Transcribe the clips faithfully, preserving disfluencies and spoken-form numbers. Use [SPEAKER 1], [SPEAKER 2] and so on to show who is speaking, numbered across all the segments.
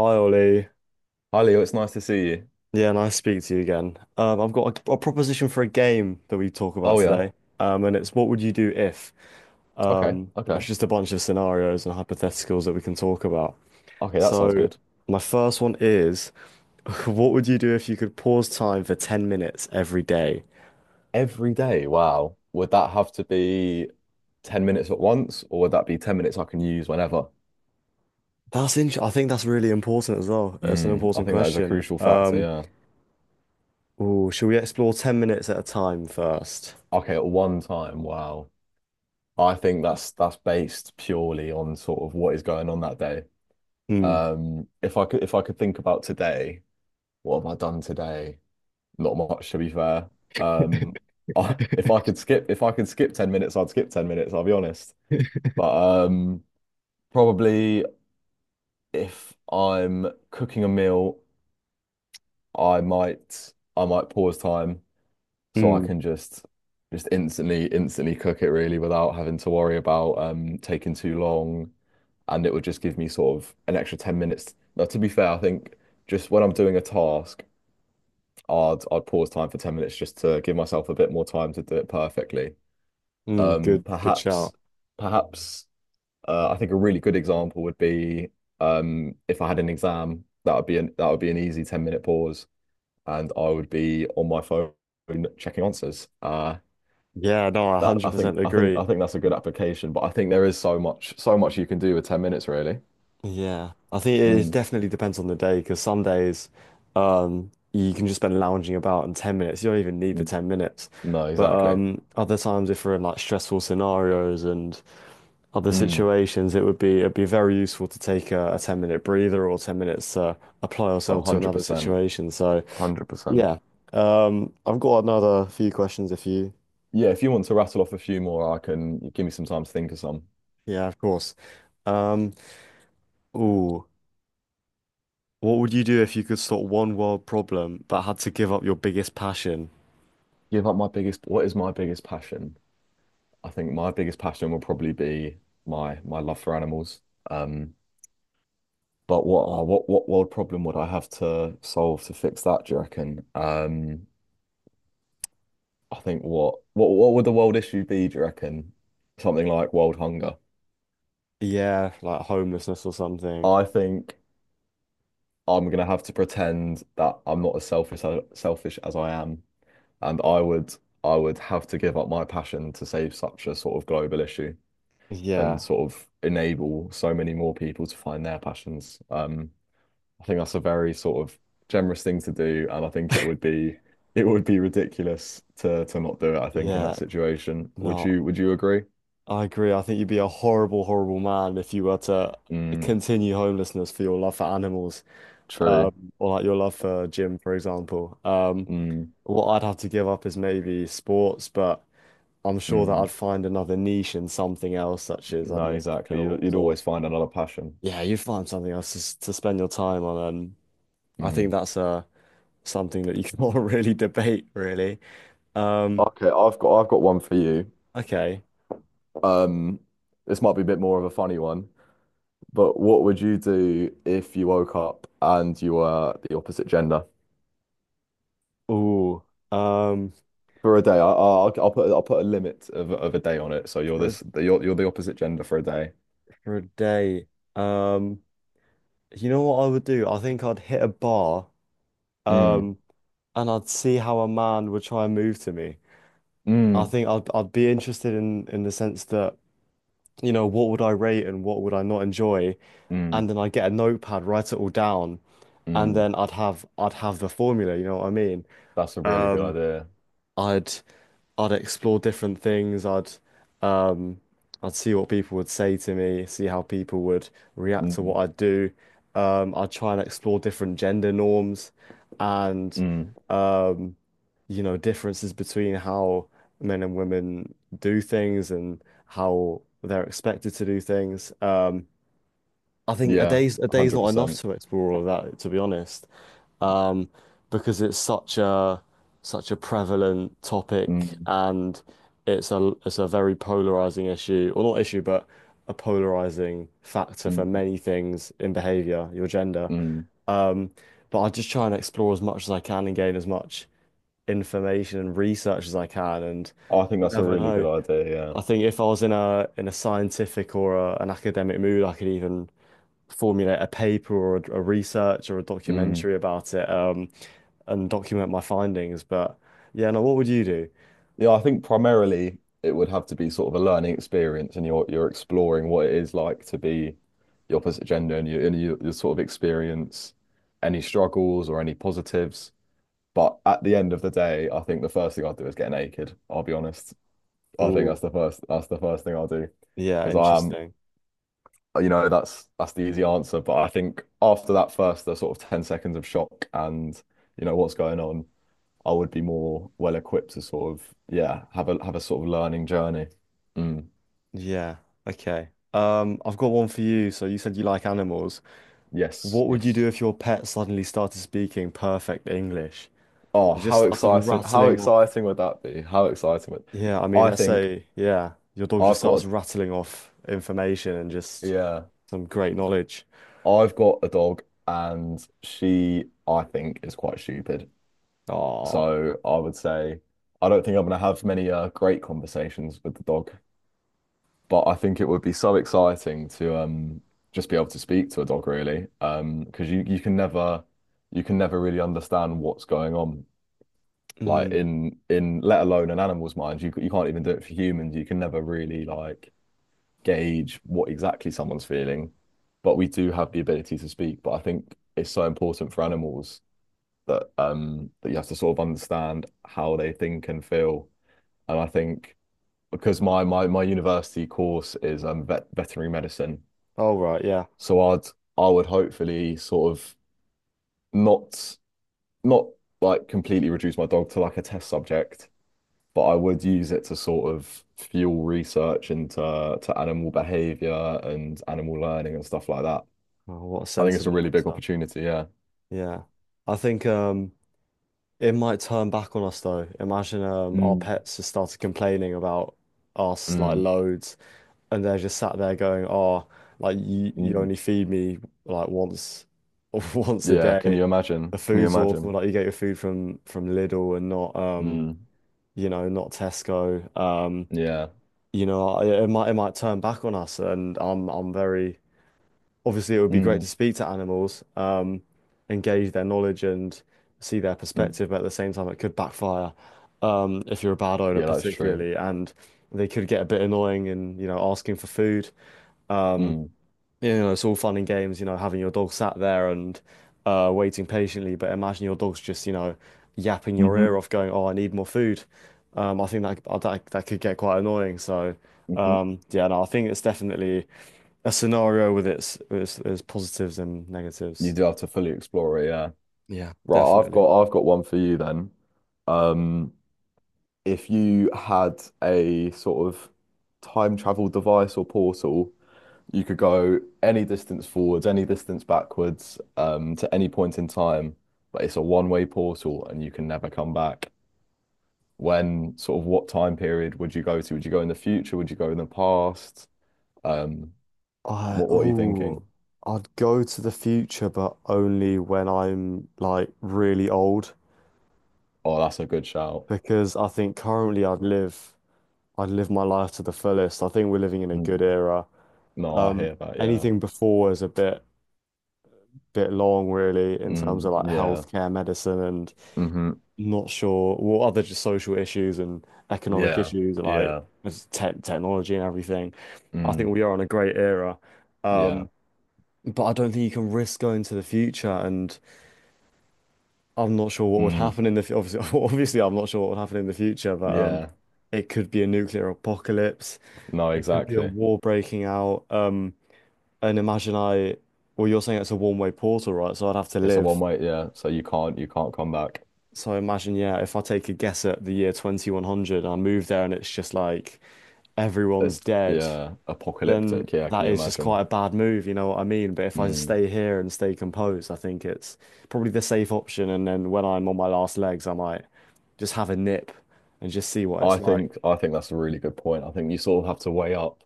[SPEAKER 1] Hi Ollie.
[SPEAKER 2] Hi Leo, it's nice to see you.
[SPEAKER 1] Yeah, nice to speak to you again. Um, I've got a, a proposition for a game that we talk about
[SPEAKER 2] Oh yeah.
[SPEAKER 1] today. Um, and it's what would you do if?
[SPEAKER 2] Okay.
[SPEAKER 1] Um,
[SPEAKER 2] Okay.
[SPEAKER 1] it's just a bunch of scenarios and hypotheticals that we can talk about.
[SPEAKER 2] Okay, that sounds
[SPEAKER 1] So
[SPEAKER 2] good.
[SPEAKER 1] my first one is, what would you do if you could pause time for ten minutes every day?
[SPEAKER 2] Every day, wow. Would that have to be ten minutes at once, or would that be ten minutes I can use whenever?
[SPEAKER 1] That's int- I think that's really important as well. It's an
[SPEAKER 2] Mm, I
[SPEAKER 1] important
[SPEAKER 2] think that is a
[SPEAKER 1] question.
[SPEAKER 2] crucial factor,
[SPEAKER 1] Um,
[SPEAKER 2] yeah.
[SPEAKER 1] ooh, should we explore ten minutes at a time first?
[SPEAKER 2] Okay, at one time, wow. I think that's that's based purely on sort of what is going on that day.
[SPEAKER 1] Hmm.
[SPEAKER 2] Um, if I could if I could think about today, what have I done today? Not much, to be fair. Um, I, if I could skip if I could skip ten minutes, I'd skip ten minutes, I'll be honest. But um, probably if I'm cooking a meal, I might I might pause time so I
[SPEAKER 1] Hmm.
[SPEAKER 2] can just just instantly instantly cook it really without having to worry about um taking too long, and it would just give me sort of an extra ten minutes. Now, to be fair, I think just when I'm doing a task, I'd I'd pause time for ten minutes just to give myself a bit more time to do it perfectly.
[SPEAKER 1] Hmm.
[SPEAKER 2] Um,
[SPEAKER 1] Good, good
[SPEAKER 2] perhaps
[SPEAKER 1] shout.
[SPEAKER 2] Mm. perhaps Uh, I think a really good example would be, um, if I had an exam, that would be an, that would be an easy ten minute pause and I would be on my phone checking answers. Uh,
[SPEAKER 1] Yeah, no, I
[SPEAKER 2] that I think
[SPEAKER 1] one hundred percent
[SPEAKER 2] I think
[SPEAKER 1] agree.
[SPEAKER 2] I think that's a good application, but I think there is so much so much you can do with ten minutes really.
[SPEAKER 1] Yeah, I think it
[SPEAKER 2] Mm,
[SPEAKER 1] definitely depends on the day because some days um, you can just spend lounging about in ten minutes. You don't even need the
[SPEAKER 2] mm.
[SPEAKER 1] ten minutes.
[SPEAKER 2] No,
[SPEAKER 1] But
[SPEAKER 2] exactly.
[SPEAKER 1] um, other times, if we're in like stressful scenarios and other
[SPEAKER 2] Mm,
[SPEAKER 1] situations, it would be it'd be very useful to take a, a ten minute breather or ten minutes to apply
[SPEAKER 2] oh,
[SPEAKER 1] yourself to another
[SPEAKER 2] one hundred percent,
[SPEAKER 1] situation. So
[SPEAKER 2] one hundred percent.
[SPEAKER 1] yeah, um, I've got another few questions if you,
[SPEAKER 2] Yeah, if you want to rattle off a few more, I can give me some time to think of some.
[SPEAKER 1] yeah, of course. Um, Ooh, what would you do if you could sort one world problem but had to give up your biggest passion?
[SPEAKER 2] Give up my biggest, what is my biggest passion? I think my biggest passion will probably be my my love for animals. Um, but what oh, what what world problem would I have to solve to fix that, do you reckon? Um, I think what what what would the world issue be, do you reckon? Something like world hunger.
[SPEAKER 1] Yeah, like homelessness or something.
[SPEAKER 2] I think I'm gonna have to pretend that I'm not as selfish as, selfish as I am, and I would I would have to give up my passion to save such a sort of global issue and
[SPEAKER 1] Yeah,
[SPEAKER 2] sort of enable so many more people to find their passions. Um, I think that's a very sort of generous thing to do, and I think it would be it would be ridiculous to to not do it, I think, in that
[SPEAKER 1] yeah,
[SPEAKER 2] situation. Would
[SPEAKER 1] no,
[SPEAKER 2] you would you agree?
[SPEAKER 1] I agree. I think you'd be a horrible, horrible man if you were to
[SPEAKER 2] Mm,
[SPEAKER 1] continue homelessness for your love for animals, um,
[SPEAKER 2] true.
[SPEAKER 1] or like your love for gym, for example. Um,
[SPEAKER 2] Mm,
[SPEAKER 1] what I'd have to give up is maybe sports, but I'm sure that I'd
[SPEAKER 2] mm.
[SPEAKER 1] find another niche in something else, such as, I
[SPEAKER 2] No,
[SPEAKER 1] don't know,
[SPEAKER 2] exactly. You'd, you'd
[SPEAKER 1] films or
[SPEAKER 2] always find another passion.
[SPEAKER 1] yeah, you'd find something else to, s- to spend your time on. And I think
[SPEAKER 2] Mm.
[SPEAKER 1] that's uh something that you can't really debate, really. Um,
[SPEAKER 2] Okay, I've got I've got one for you.
[SPEAKER 1] okay.
[SPEAKER 2] Um, this might be a bit more of a funny one, but what would you do if you woke up and you were the opposite gender?
[SPEAKER 1] Oh, um,
[SPEAKER 2] For a day, I, I'll I'll put I'll put a limit of of a day on it. So you're
[SPEAKER 1] for a,
[SPEAKER 2] this you're you're the opposite gender for a day.
[SPEAKER 1] for a day, um, you know what I would do? I think I'd hit a bar,
[SPEAKER 2] Mm,
[SPEAKER 1] um, and I'd see how a man would try and move to me. I
[SPEAKER 2] mm,
[SPEAKER 1] think I'd I'd be interested in in the sense that, you know, what would I rate and what would I not enjoy?
[SPEAKER 2] mm,
[SPEAKER 1] And then I'd get a notepad, write it all down, and
[SPEAKER 2] mm.
[SPEAKER 1] then I'd have I'd have the formula, you know what I mean?
[SPEAKER 2] That's a really good
[SPEAKER 1] Um,
[SPEAKER 2] idea.
[SPEAKER 1] I'd I'd explore different things. I'd um I'd see what people would say to me, see how people would react to
[SPEAKER 2] Mm,
[SPEAKER 1] what I do. Um, I'd try and explore different gender norms and
[SPEAKER 2] mm.
[SPEAKER 1] um, you know, differences between how men and women do things and how they're expected to do things. Um, I think a
[SPEAKER 2] Yeah,
[SPEAKER 1] day's a day's not enough
[SPEAKER 2] one hundred percent.
[SPEAKER 1] to explore all of that, to be honest, um, because it's such a such a prevalent topic
[SPEAKER 2] Mm,
[SPEAKER 1] and it's a it's a very polarizing issue, or not issue, but a polarizing factor for
[SPEAKER 2] mm,
[SPEAKER 1] many things in behavior, your gender.
[SPEAKER 2] mm.
[SPEAKER 1] Um, but I just try and explore as much as I can and gain as much information and research as I can, and
[SPEAKER 2] I think
[SPEAKER 1] you
[SPEAKER 2] that's a
[SPEAKER 1] never
[SPEAKER 2] really
[SPEAKER 1] know.
[SPEAKER 2] good idea,
[SPEAKER 1] I think if I was in a in a scientific or a, an academic mood, I could even formulate a paper or a, a research or a
[SPEAKER 2] yeah. Mm.
[SPEAKER 1] documentary about it um, and document my findings. But yeah, now what would you do?
[SPEAKER 2] Yeah, I think primarily it would have to be sort of a learning experience and you're you're exploring what it is like to be the opposite gender and you and you, you sort of experience any struggles or any positives. But at the end of the day, I think the first thing I'd do is get naked, I'll be honest. I think that's
[SPEAKER 1] Oh,
[SPEAKER 2] the first that's the first thing I'll do
[SPEAKER 1] yeah,
[SPEAKER 2] because I am
[SPEAKER 1] interesting.
[SPEAKER 2] you know that's that's the easy answer. But I think after that first the sort of ten seconds of shock and you know what's going on, I would be more well equipped to sort of yeah have a have a sort of learning journey. Mm.
[SPEAKER 1] Yeah, okay. Um, I've got one for you. So you said you like animals.
[SPEAKER 2] Yes,
[SPEAKER 1] What would you
[SPEAKER 2] yes.
[SPEAKER 1] do if your pet suddenly started speaking perfect English? Or
[SPEAKER 2] Oh,
[SPEAKER 1] just
[SPEAKER 2] how
[SPEAKER 1] started
[SPEAKER 2] exciting! How
[SPEAKER 1] rattling off.
[SPEAKER 2] exciting would that be? How exciting would
[SPEAKER 1] Yeah, I mean,
[SPEAKER 2] I
[SPEAKER 1] let's
[SPEAKER 2] think
[SPEAKER 1] say, yeah, your dog just
[SPEAKER 2] I've
[SPEAKER 1] starts
[SPEAKER 2] got
[SPEAKER 1] rattling off information and
[SPEAKER 2] a
[SPEAKER 1] just
[SPEAKER 2] yeah
[SPEAKER 1] some great knowledge.
[SPEAKER 2] I've got a dog and she I think is quite stupid.
[SPEAKER 1] Oh,
[SPEAKER 2] So I would say I don't think I'm going to have many uh, great conversations with the dog, but I think it would be so exciting to um just be able to speak to a dog really, um because you you can never you can never really understand what's going on like
[SPEAKER 1] mm.
[SPEAKER 2] in in let alone an animal's mind. You c- you can't even do it for humans. You can never really like gauge what exactly someone's feeling, but we do have the ability to speak. But I think it's so important for animals that um that you have to sort of understand how they think and feel, and I think because my my my university course is um vet, veterinary medicine,
[SPEAKER 1] All right, yeah.
[SPEAKER 2] so I'd I would hopefully sort of not not like completely reduce my dog to like a test subject, but I would use it to sort of fuel research into to animal behavior and animal learning and stuff like that.
[SPEAKER 1] Oh, what a
[SPEAKER 2] I think it's a
[SPEAKER 1] sensible
[SPEAKER 2] really big
[SPEAKER 1] answer.
[SPEAKER 2] opportunity, yeah.
[SPEAKER 1] Yeah. I think um it might turn back on us though. Imagine um our
[SPEAKER 2] Mm,
[SPEAKER 1] pets just started complaining about us like
[SPEAKER 2] mm,
[SPEAKER 1] loads and they're just sat there going, Oh, like you you
[SPEAKER 2] mm.
[SPEAKER 1] only feed me like once once a
[SPEAKER 2] Yeah, can
[SPEAKER 1] day.
[SPEAKER 2] you
[SPEAKER 1] The
[SPEAKER 2] imagine? Can you
[SPEAKER 1] food's awful,
[SPEAKER 2] imagine?
[SPEAKER 1] like you get your food from from Lidl and not um
[SPEAKER 2] Mm.
[SPEAKER 1] you know, not Tesco. Um,
[SPEAKER 2] Yeah.
[SPEAKER 1] you know, it, it might it might turn back on us and I'm I'm very obviously it would be great to
[SPEAKER 2] Mm.
[SPEAKER 1] speak to animals, um, engage their knowledge and see their
[SPEAKER 2] Mm.
[SPEAKER 1] perspective, but at the same time it could backfire um, if you're a bad owner
[SPEAKER 2] Yeah, that's true.
[SPEAKER 1] particularly, and they could get a bit annoying and you know asking for food. Um,
[SPEAKER 2] Mm.
[SPEAKER 1] you know, it's all fun and games, you know, having your dog sat there and uh, waiting patiently, but imagine your dog's just you know yapping your ear
[SPEAKER 2] Hmm.
[SPEAKER 1] off, going, "Oh, I need more food." Um, I think that that that could get quite annoying. So
[SPEAKER 2] Hmm.
[SPEAKER 1] um, yeah, no, I think it's definitely a scenario with its with its, its positives and
[SPEAKER 2] You
[SPEAKER 1] negatives.
[SPEAKER 2] do have to fully explore it, yeah.
[SPEAKER 1] Yeah.
[SPEAKER 2] Right, I've
[SPEAKER 1] Definitely.
[SPEAKER 2] got I've got one for you then. Um, if you had a sort of time travel device or portal, you could go any distance forwards, any distance backwards, um, to any point in time, but it's a one-way portal and you can never come back. When sort of what time period would you go to? Would you go in the future? Would you go in the past? Um,
[SPEAKER 1] Mm.
[SPEAKER 2] what
[SPEAKER 1] I
[SPEAKER 2] what are you
[SPEAKER 1] ooh,
[SPEAKER 2] thinking?
[SPEAKER 1] I'd go to the future, but only when I'm like really old,
[SPEAKER 2] Oh, that's a good shout.
[SPEAKER 1] because I think currently I'd live I'd live my life to the fullest. I think we're living in a good
[SPEAKER 2] Mm.
[SPEAKER 1] era.
[SPEAKER 2] No, I
[SPEAKER 1] Um,
[SPEAKER 2] hear that, yeah.
[SPEAKER 1] Anything before is a bit bit long, really, in terms
[SPEAKER 2] Mm,
[SPEAKER 1] of like
[SPEAKER 2] yeah.
[SPEAKER 1] healthcare, medicine, and
[SPEAKER 2] Hmm.
[SPEAKER 1] not sure what other just social issues and economic
[SPEAKER 2] Yeah.
[SPEAKER 1] issues and like
[SPEAKER 2] Yeah.
[SPEAKER 1] just te technology and everything. I think
[SPEAKER 2] Mm.
[SPEAKER 1] we are in a great era.
[SPEAKER 2] Yeah.
[SPEAKER 1] Um, but I don't think you can risk going to the future and I'm not sure what would
[SPEAKER 2] Mm.
[SPEAKER 1] happen in the fu- obviously obviously I'm not sure what would happen in the future, but um
[SPEAKER 2] Yeah.
[SPEAKER 1] it could be a nuclear apocalypse.
[SPEAKER 2] No,
[SPEAKER 1] It could be a
[SPEAKER 2] exactly.
[SPEAKER 1] war breaking out. Um and imagine I well you're saying it's a one-way portal, right? So I'd have to
[SPEAKER 2] It's a one
[SPEAKER 1] live.
[SPEAKER 2] way, yeah. So you can't you can't come back.
[SPEAKER 1] So I imagine, yeah, if I take a guess at the year twenty one hundred I move there and it's just like everyone's
[SPEAKER 2] It's
[SPEAKER 1] dead,
[SPEAKER 2] yeah,
[SPEAKER 1] then
[SPEAKER 2] apocalyptic. Yeah, can
[SPEAKER 1] that
[SPEAKER 2] you
[SPEAKER 1] is just quite
[SPEAKER 2] imagine?
[SPEAKER 1] a bad move, you know what I mean? But if I just
[SPEAKER 2] Mm.
[SPEAKER 1] stay here and stay composed, I think it's probably the safe option. And then when I'm on my last legs, I might just have a nip and just see what
[SPEAKER 2] I
[SPEAKER 1] it's like.
[SPEAKER 2] think I think that's a really good point. I think you sort of have to weigh up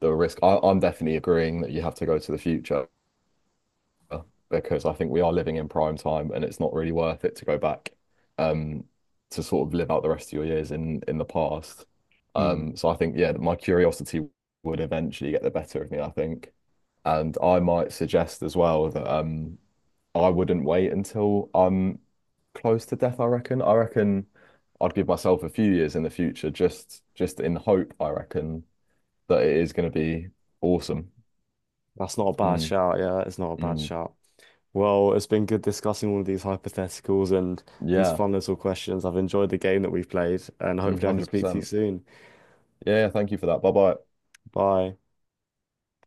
[SPEAKER 2] the risk. I, I'm definitely agreeing that you have to go to the future because I think we are living in prime time and it's not really worth it to go back, um, to sort of live out the rest of your years in in the past.
[SPEAKER 1] Hmm.
[SPEAKER 2] Um, so I think yeah, my curiosity would eventually get the better of me, I think. And I might suggest as well that, um, I wouldn't wait until I'm close to death, I reckon. I reckon I'd give myself a few years in the future just just in hope, I reckon, that it is going to be awesome.
[SPEAKER 1] That's not a bad
[SPEAKER 2] Mm,
[SPEAKER 1] shout. Yeah, it's not a bad
[SPEAKER 2] mm,
[SPEAKER 1] shout. Well, it's been good discussing all of these hypotheticals and these
[SPEAKER 2] yeah,
[SPEAKER 1] fun little questions. I've enjoyed the game that we've played, and
[SPEAKER 2] mm,
[SPEAKER 1] hopefully I can speak to you
[SPEAKER 2] one hundred percent.
[SPEAKER 1] soon.
[SPEAKER 2] Yeah, yeah, thank you for that. Bye bye.
[SPEAKER 1] Bye.